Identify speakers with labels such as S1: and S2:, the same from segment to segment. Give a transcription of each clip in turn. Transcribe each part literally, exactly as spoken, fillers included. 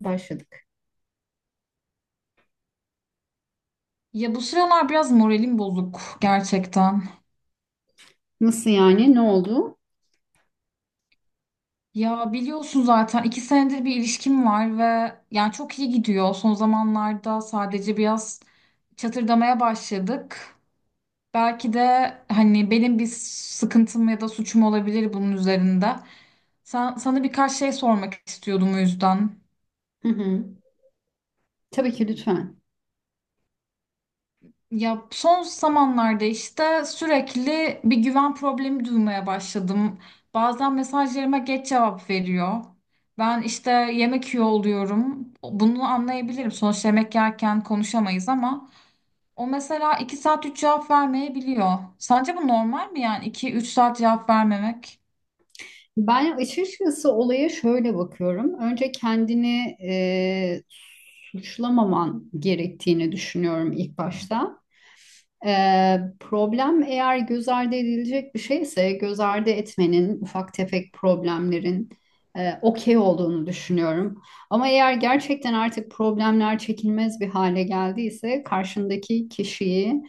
S1: Başladık.
S2: Ya bu sıralar biraz moralim bozuk gerçekten.
S1: Nasıl yani? Ne oldu?
S2: Ya biliyorsun zaten iki senedir bir ilişkim var ve yani çok iyi gidiyor. Son zamanlarda sadece biraz çatırdamaya başladık. Belki de hani benim bir sıkıntım ya da suçum olabilir bunun üzerinde. Sen, sana birkaç şey sormak istiyordum o yüzden.
S1: Hı hı. Tabii ki lütfen.
S2: Ya son zamanlarda işte sürekli bir güven problemi duymaya başladım. Bazen mesajlarıma geç cevap veriyor. Ben işte yemek yiyor oluyorum. Bunu anlayabilirim. Sonuçta yemek yerken konuşamayız ama o mesela iki saat üç cevap vermeyebiliyor. Sence bu normal mi yani iki üç saat cevap vermemek?
S1: Ben açıkçası olaya şöyle bakıyorum. Önce kendini e, suçlamaman gerektiğini düşünüyorum ilk başta. Ee, problem eğer göz ardı edilecek bir şeyse göz ardı etmenin ufak tefek problemlerin e, okey olduğunu düşünüyorum. Ama eğer gerçekten artık problemler çekilmez bir hale geldiyse karşındaki kişiye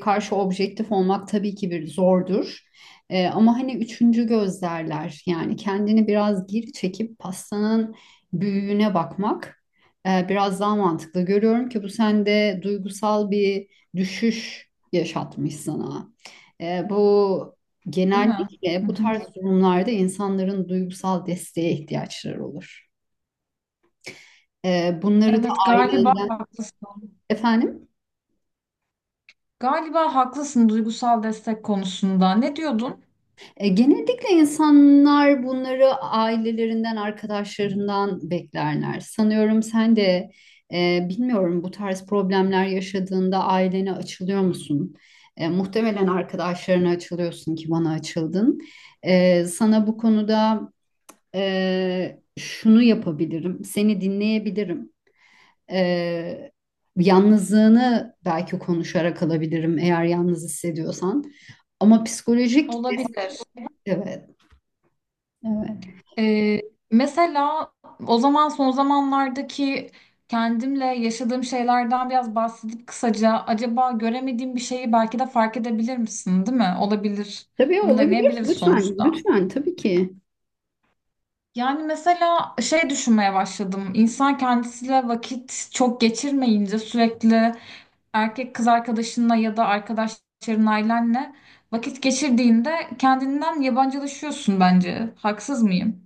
S1: karşı objektif olmak tabii ki bir zordur. Ee, ama hani üçüncü göz derler, yani kendini biraz geri çekip pastanın büyüğüne bakmak e, biraz daha mantıklı. Görüyorum ki bu sende duygusal bir düşüş yaşatmış sana. Ee, bu
S2: Değil mi?
S1: genellikle
S2: Hı
S1: bu
S2: hı.
S1: tarz durumlarda insanların duygusal desteğe ihtiyaçları olur. Ee, bunları da
S2: Evet, galiba
S1: ailenden
S2: haklısın.
S1: efendim.
S2: Galiba haklısın duygusal destek konusunda. Ne diyordun?
S1: E, genellikle insanlar bunları ailelerinden, arkadaşlarından beklerler. Sanıyorum sen de e, bilmiyorum, bu tarz problemler yaşadığında ailene açılıyor musun? E, muhtemelen arkadaşlarına açılıyorsun ki bana açıldın. E, sana bu konuda Ee, şunu yapabilirim, seni dinleyebilirim. Ee, Yalnızlığını belki konuşarak alabilirim eğer yalnız hissediyorsan. Ama psikolojik des-
S2: Olabilir.
S1: evet, evet.
S2: Ee, Mesela o zaman son zamanlardaki kendimle yaşadığım şeylerden biraz bahsedip kısaca acaba göremediğim bir şeyi belki de fark edebilir misin, değil mi? Olabilir.
S1: Tabii
S2: Bunu
S1: olabilir.
S2: deneyebiliriz
S1: Lütfen,
S2: sonuçta.
S1: lütfen tabii ki.
S2: Yani mesela şey düşünmeye başladım. İnsan kendisiyle vakit çok geçirmeyince sürekli erkek kız arkadaşınla ya da arkadaşların ailenle vakit geçirdiğinde kendinden yabancılaşıyorsun bence. Haksız mıyım?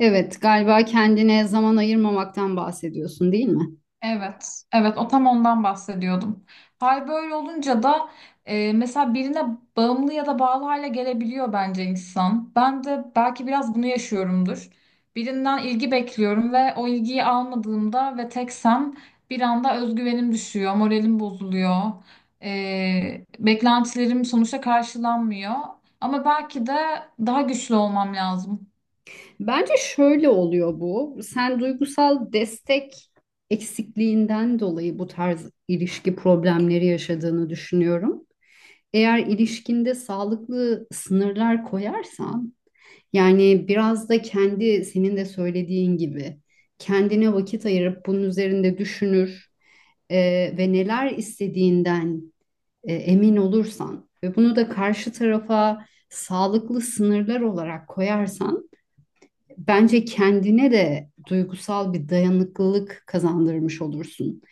S1: Evet, galiba kendine zaman ayırmamaktan bahsediyorsun, değil mi?
S2: Evet, evet o tam ondan bahsediyordum. Hal böyle olunca da e, mesela birine bağımlı ya da bağlı hale gelebiliyor bence insan. Ben de belki biraz bunu yaşıyorumdur. Birinden ilgi bekliyorum ve o ilgiyi almadığımda ve teksem bir anda özgüvenim düşüyor, moralim bozuluyor. E, beklentilerim sonuçta karşılanmıyor. Ama belki de daha güçlü olmam lazım.
S1: Bence şöyle oluyor bu. Sen duygusal destek eksikliğinden dolayı bu tarz ilişki problemleri yaşadığını düşünüyorum. Eğer ilişkinde sağlıklı sınırlar koyarsan, yani biraz da kendi senin de söylediğin gibi kendine vakit ayırıp bunun üzerinde düşünür e, ve neler istediğinden e, emin olursan ve bunu da karşı tarafa sağlıklı sınırlar olarak koyarsan bence kendine de duygusal bir dayanıklılık kazandırmış olursun.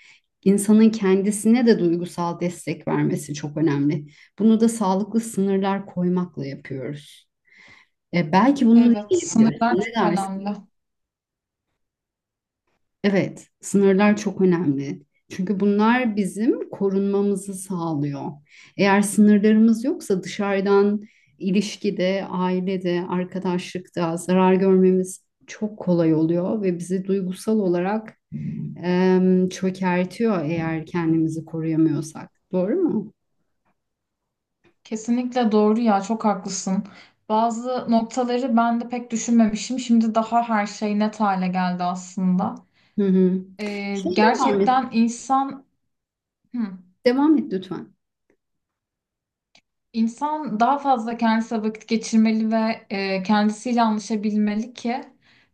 S1: İnsanın kendisine de duygusal destek vermesi çok önemli. Bunu da sağlıklı sınırlar koymakla yapıyoruz. E, belki bunu
S2: Evet,
S1: deneyebilirsin.
S2: sınırlar
S1: Ne
S2: çok
S1: dersin?
S2: önemli.
S1: Evet, sınırlar çok önemli. Çünkü bunlar bizim korunmamızı sağlıyor. Eğer sınırlarımız yoksa dışarıdan ilişkide, ailede, arkadaşlıkta zarar görmemiz çok kolay oluyor ve bizi duygusal olarak em, çökertiyor eğer kendimizi koruyamıyorsak. Doğru mu?
S2: Kesinlikle doğru ya çok haklısın. Bazı noktaları ben de pek düşünmemişim. Şimdi daha her şey net hale geldi aslında.
S1: Hı hı.
S2: Ee,
S1: Şey de var mı?
S2: gerçekten insan hı,
S1: Devam et lütfen.
S2: insan daha fazla kendisine vakit geçirmeli ve e, kendisiyle anlaşabilmeli ki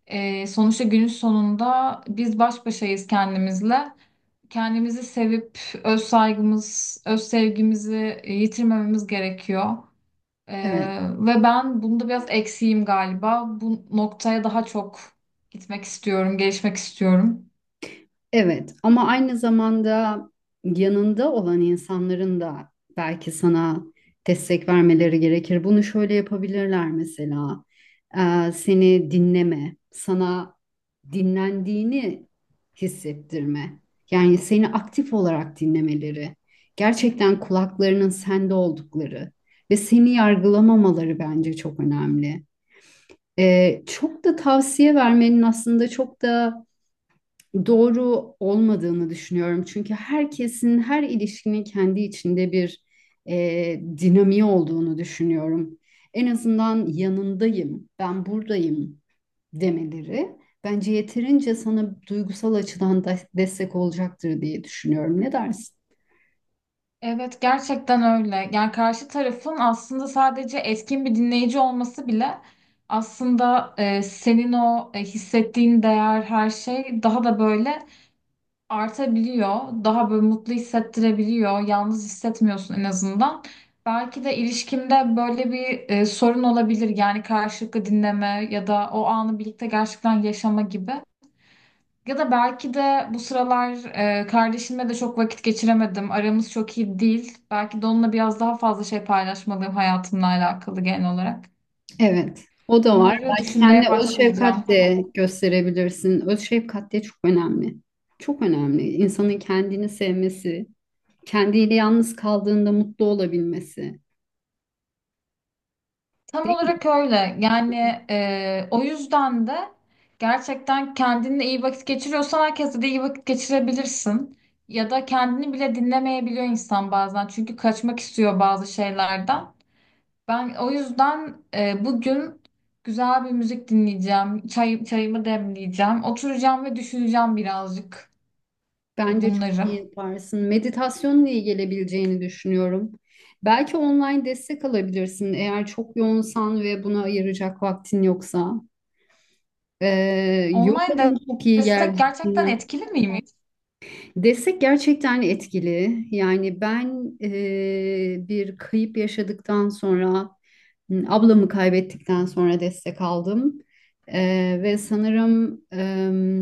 S2: e, sonuçta günün sonunda biz baş başayız kendimizle. Kendimizi sevip öz saygımız, öz sevgimizi e, yitirmememiz gerekiyor. Ee,
S1: Evet.
S2: ve ben bunda biraz eksiğim galiba. Bu noktaya daha çok gitmek istiyorum, gelişmek istiyorum.
S1: Evet, ama aynı zamanda yanında olan insanların da belki sana destek vermeleri gerekir. Bunu şöyle yapabilirler mesela. Ee, seni dinleme, sana dinlendiğini hissettirme. Yani seni aktif olarak dinlemeleri, gerçekten kulaklarının sende oldukları ve seni yargılamamaları bence çok önemli. Ee, çok da tavsiye vermenin aslında çok da doğru olmadığını düşünüyorum. Çünkü herkesin, her ilişkinin kendi içinde bir e, dinamiği olduğunu düşünüyorum. En azından yanındayım, ben buradayım demeleri bence yeterince sana duygusal açıdan da destek olacaktır diye düşünüyorum. Ne dersin?
S2: Evet, gerçekten öyle. Yani karşı tarafın aslında sadece etkin bir dinleyici olması bile aslında e, senin o e, hissettiğin değer, her şey daha da böyle artabiliyor. Daha böyle mutlu hissettirebiliyor. Yalnız hissetmiyorsun en azından. Belki de ilişkimde böyle bir e, sorun olabilir. Yani karşılıklı dinleme ya da o anı birlikte gerçekten yaşama gibi. Ya da belki de bu sıralar e, kardeşimle de çok vakit geçiremedim. Aramız çok iyi değil. Belki de onunla biraz daha fazla şey paylaşmalıyım hayatımla alakalı genel olarak.
S1: Evet, o da var.
S2: Bunları
S1: Belki
S2: düşünmeye
S1: kendine öz
S2: başlayacağım.
S1: şefkat de gösterebilirsin. Öz şefkat de çok önemli. Çok önemli. İnsanın kendini sevmesi, kendiyle yalnız kaldığında mutlu olabilmesi,
S2: Tam
S1: değil mi?
S2: olarak öyle. Yani e, o yüzden de gerçekten kendinle iyi vakit geçiriyorsan herkesle de iyi vakit geçirebilirsin. Ya da kendini bile dinlemeyebiliyor insan bazen. Çünkü kaçmak istiyor bazı şeylerden. Ben o yüzden e, bugün güzel bir müzik dinleyeceğim. Çay, çayımı demleyeceğim. Oturacağım ve düşüneceğim birazcık e,
S1: Bence çok
S2: bunları.
S1: iyi yaparsın. Meditasyonla iyi gelebileceğini düşünüyorum. Belki online destek alabilirsin eğer çok yoğunsan ve buna ayıracak vaktin yoksa. Ee,
S2: Online
S1: yoga'nın çok iyi
S2: destek gerçekten
S1: geldiğini
S2: etkili miymiş?
S1: destek gerçekten etkili. Yani ben e, bir kayıp yaşadıktan sonra, m, ablamı kaybettikten sonra destek aldım. E, ve sanırım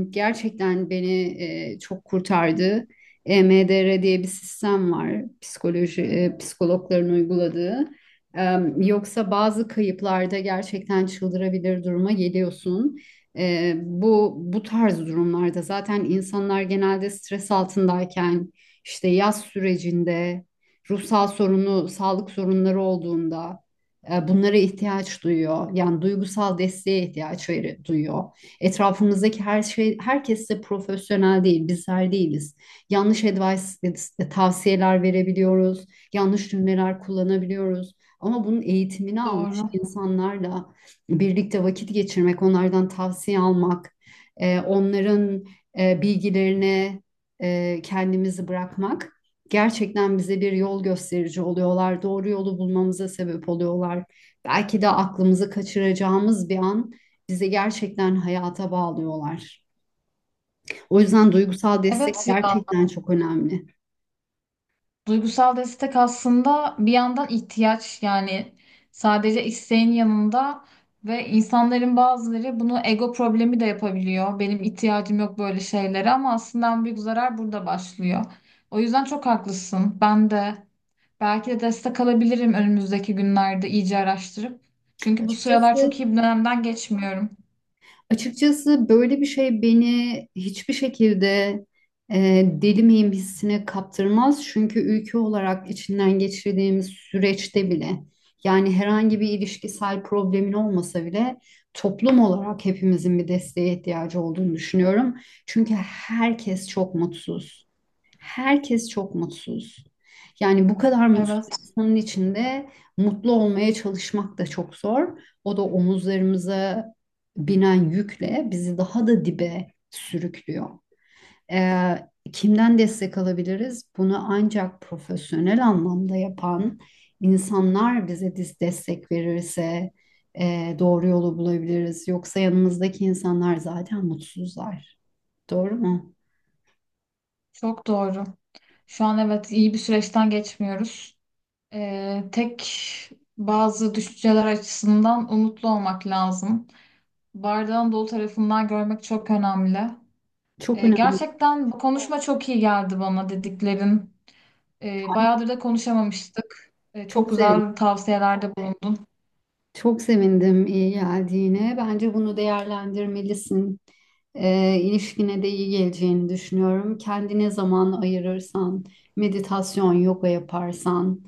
S1: e, gerçekten beni e, çok kurtardı. E M D R diye bir sistem var, psikoloji e, psikologların uyguladığı. E, Yoksa bazı kayıplarda gerçekten çıldırabilir duruma geliyorsun. Ee, bu bu tarz durumlarda zaten insanlar genelde stres altındayken, işte yaz sürecinde, ruhsal sorunu, sağlık sorunları olduğunda e, bunlara ihtiyaç duyuyor. Yani duygusal desteğe ihtiyaç veri- duyuyor. Etrafımızdaki her şey, herkes de profesyonel değil, bizler değiliz. Yanlış advice, e, e, tavsiyeler verebiliyoruz, yanlış cümleler kullanabiliyoruz. Ama bunun eğitimini almış
S2: Doğru.
S1: insanlarla birlikte vakit geçirmek, onlardan tavsiye almak, e, onların e, bilgilerine e, kendimizi bırakmak gerçekten bize bir yol gösterici oluyorlar. Doğru yolu bulmamıza sebep oluyorlar. Belki de aklımızı kaçıracağımız bir an bizi gerçekten hayata bağlıyorlar. O yüzden duygusal destek
S2: Evet ya.
S1: gerçekten çok önemli.
S2: Duygusal destek aslında bir yandan ihtiyaç yani sadece isteğin yanında ve insanların bazıları bunu ego problemi de yapabiliyor. Benim ihtiyacım yok böyle şeylere ama aslında en büyük zarar burada başlıyor. O yüzden çok haklısın. Ben de belki de destek alabilirim önümüzdeki günlerde iyice araştırıp. Çünkü bu sıralar
S1: Açıkçası
S2: çok iyi bir dönemden geçmiyorum.
S1: Açıkçası böyle bir şey beni hiçbir şekilde e, deli miyim hissine kaptırmaz. Çünkü ülke olarak içinden geçirdiğimiz süreçte bile, yani herhangi bir ilişkisel problemin olmasa bile, toplum olarak hepimizin bir desteğe ihtiyacı olduğunu düşünüyorum. Çünkü herkes çok mutsuz. Herkes çok mutsuz. Yani bu kadar mutsuz
S2: Evet,
S1: insanın içinde mutlu olmaya çalışmak da çok zor. O da omuzlarımıza binen yükle bizi daha da dibe sürüklüyor. Ee, Kimden destek alabiliriz? Bunu ancak profesyonel anlamda yapan insanlar bize dis- destek verirse e, doğru yolu bulabiliriz. Yoksa yanımızdaki insanlar zaten mutsuzlar. Doğru mu?
S2: çok doğru. Şu an evet iyi bir süreçten geçmiyoruz. Ee, tek bazı düşünceler açısından umutlu olmak lazım. Bardağın dolu tarafından görmek çok önemli.
S1: Çok
S2: Ee,
S1: önemli.
S2: gerçekten bu konuşma çok iyi geldi bana dediklerin. Ee, bayağıdır da konuşamamıştık. Ee, çok
S1: Çok sevindim.
S2: güzel tavsiyelerde bulundun.
S1: Çok sevindim iyi geldiğine. Bence bunu değerlendirmelisin. Ee, ilişkine de iyi geleceğini düşünüyorum. Kendine zaman ayırırsan, meditasyon, yoga yaparsan,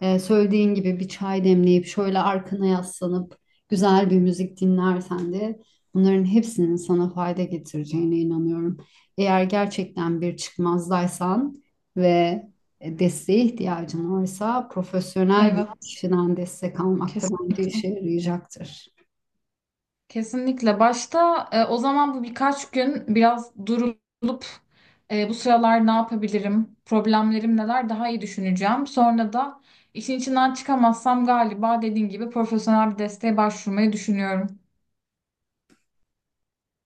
S1: e, söylediğin gibi bir çay demleyip şöyle arkana yaslanıp güzel bir müzik dinlersen de bunların hepsinin sana fayda getireceğine inanıyorum. Eğer gerçekten bir çıkmazdaysan ve e, desteğe ihtiyacın varsa profesyonel
S2: Evet,
S1: kişiden destek almak da bence
S2: kesinlikle.
S1: işe yarayacaktır.
S2: Kesinlikle. Başta e, o zaman bu birkaç gün biraz durulup e, bu sıralar ne yapabilirim, problemlerim neler daha iyi düşüneceğim. Sonra da işin içinden çıkamazsam galiba dediğin gibi profesyonel bir desteğe başvurmayı düşünüyorum.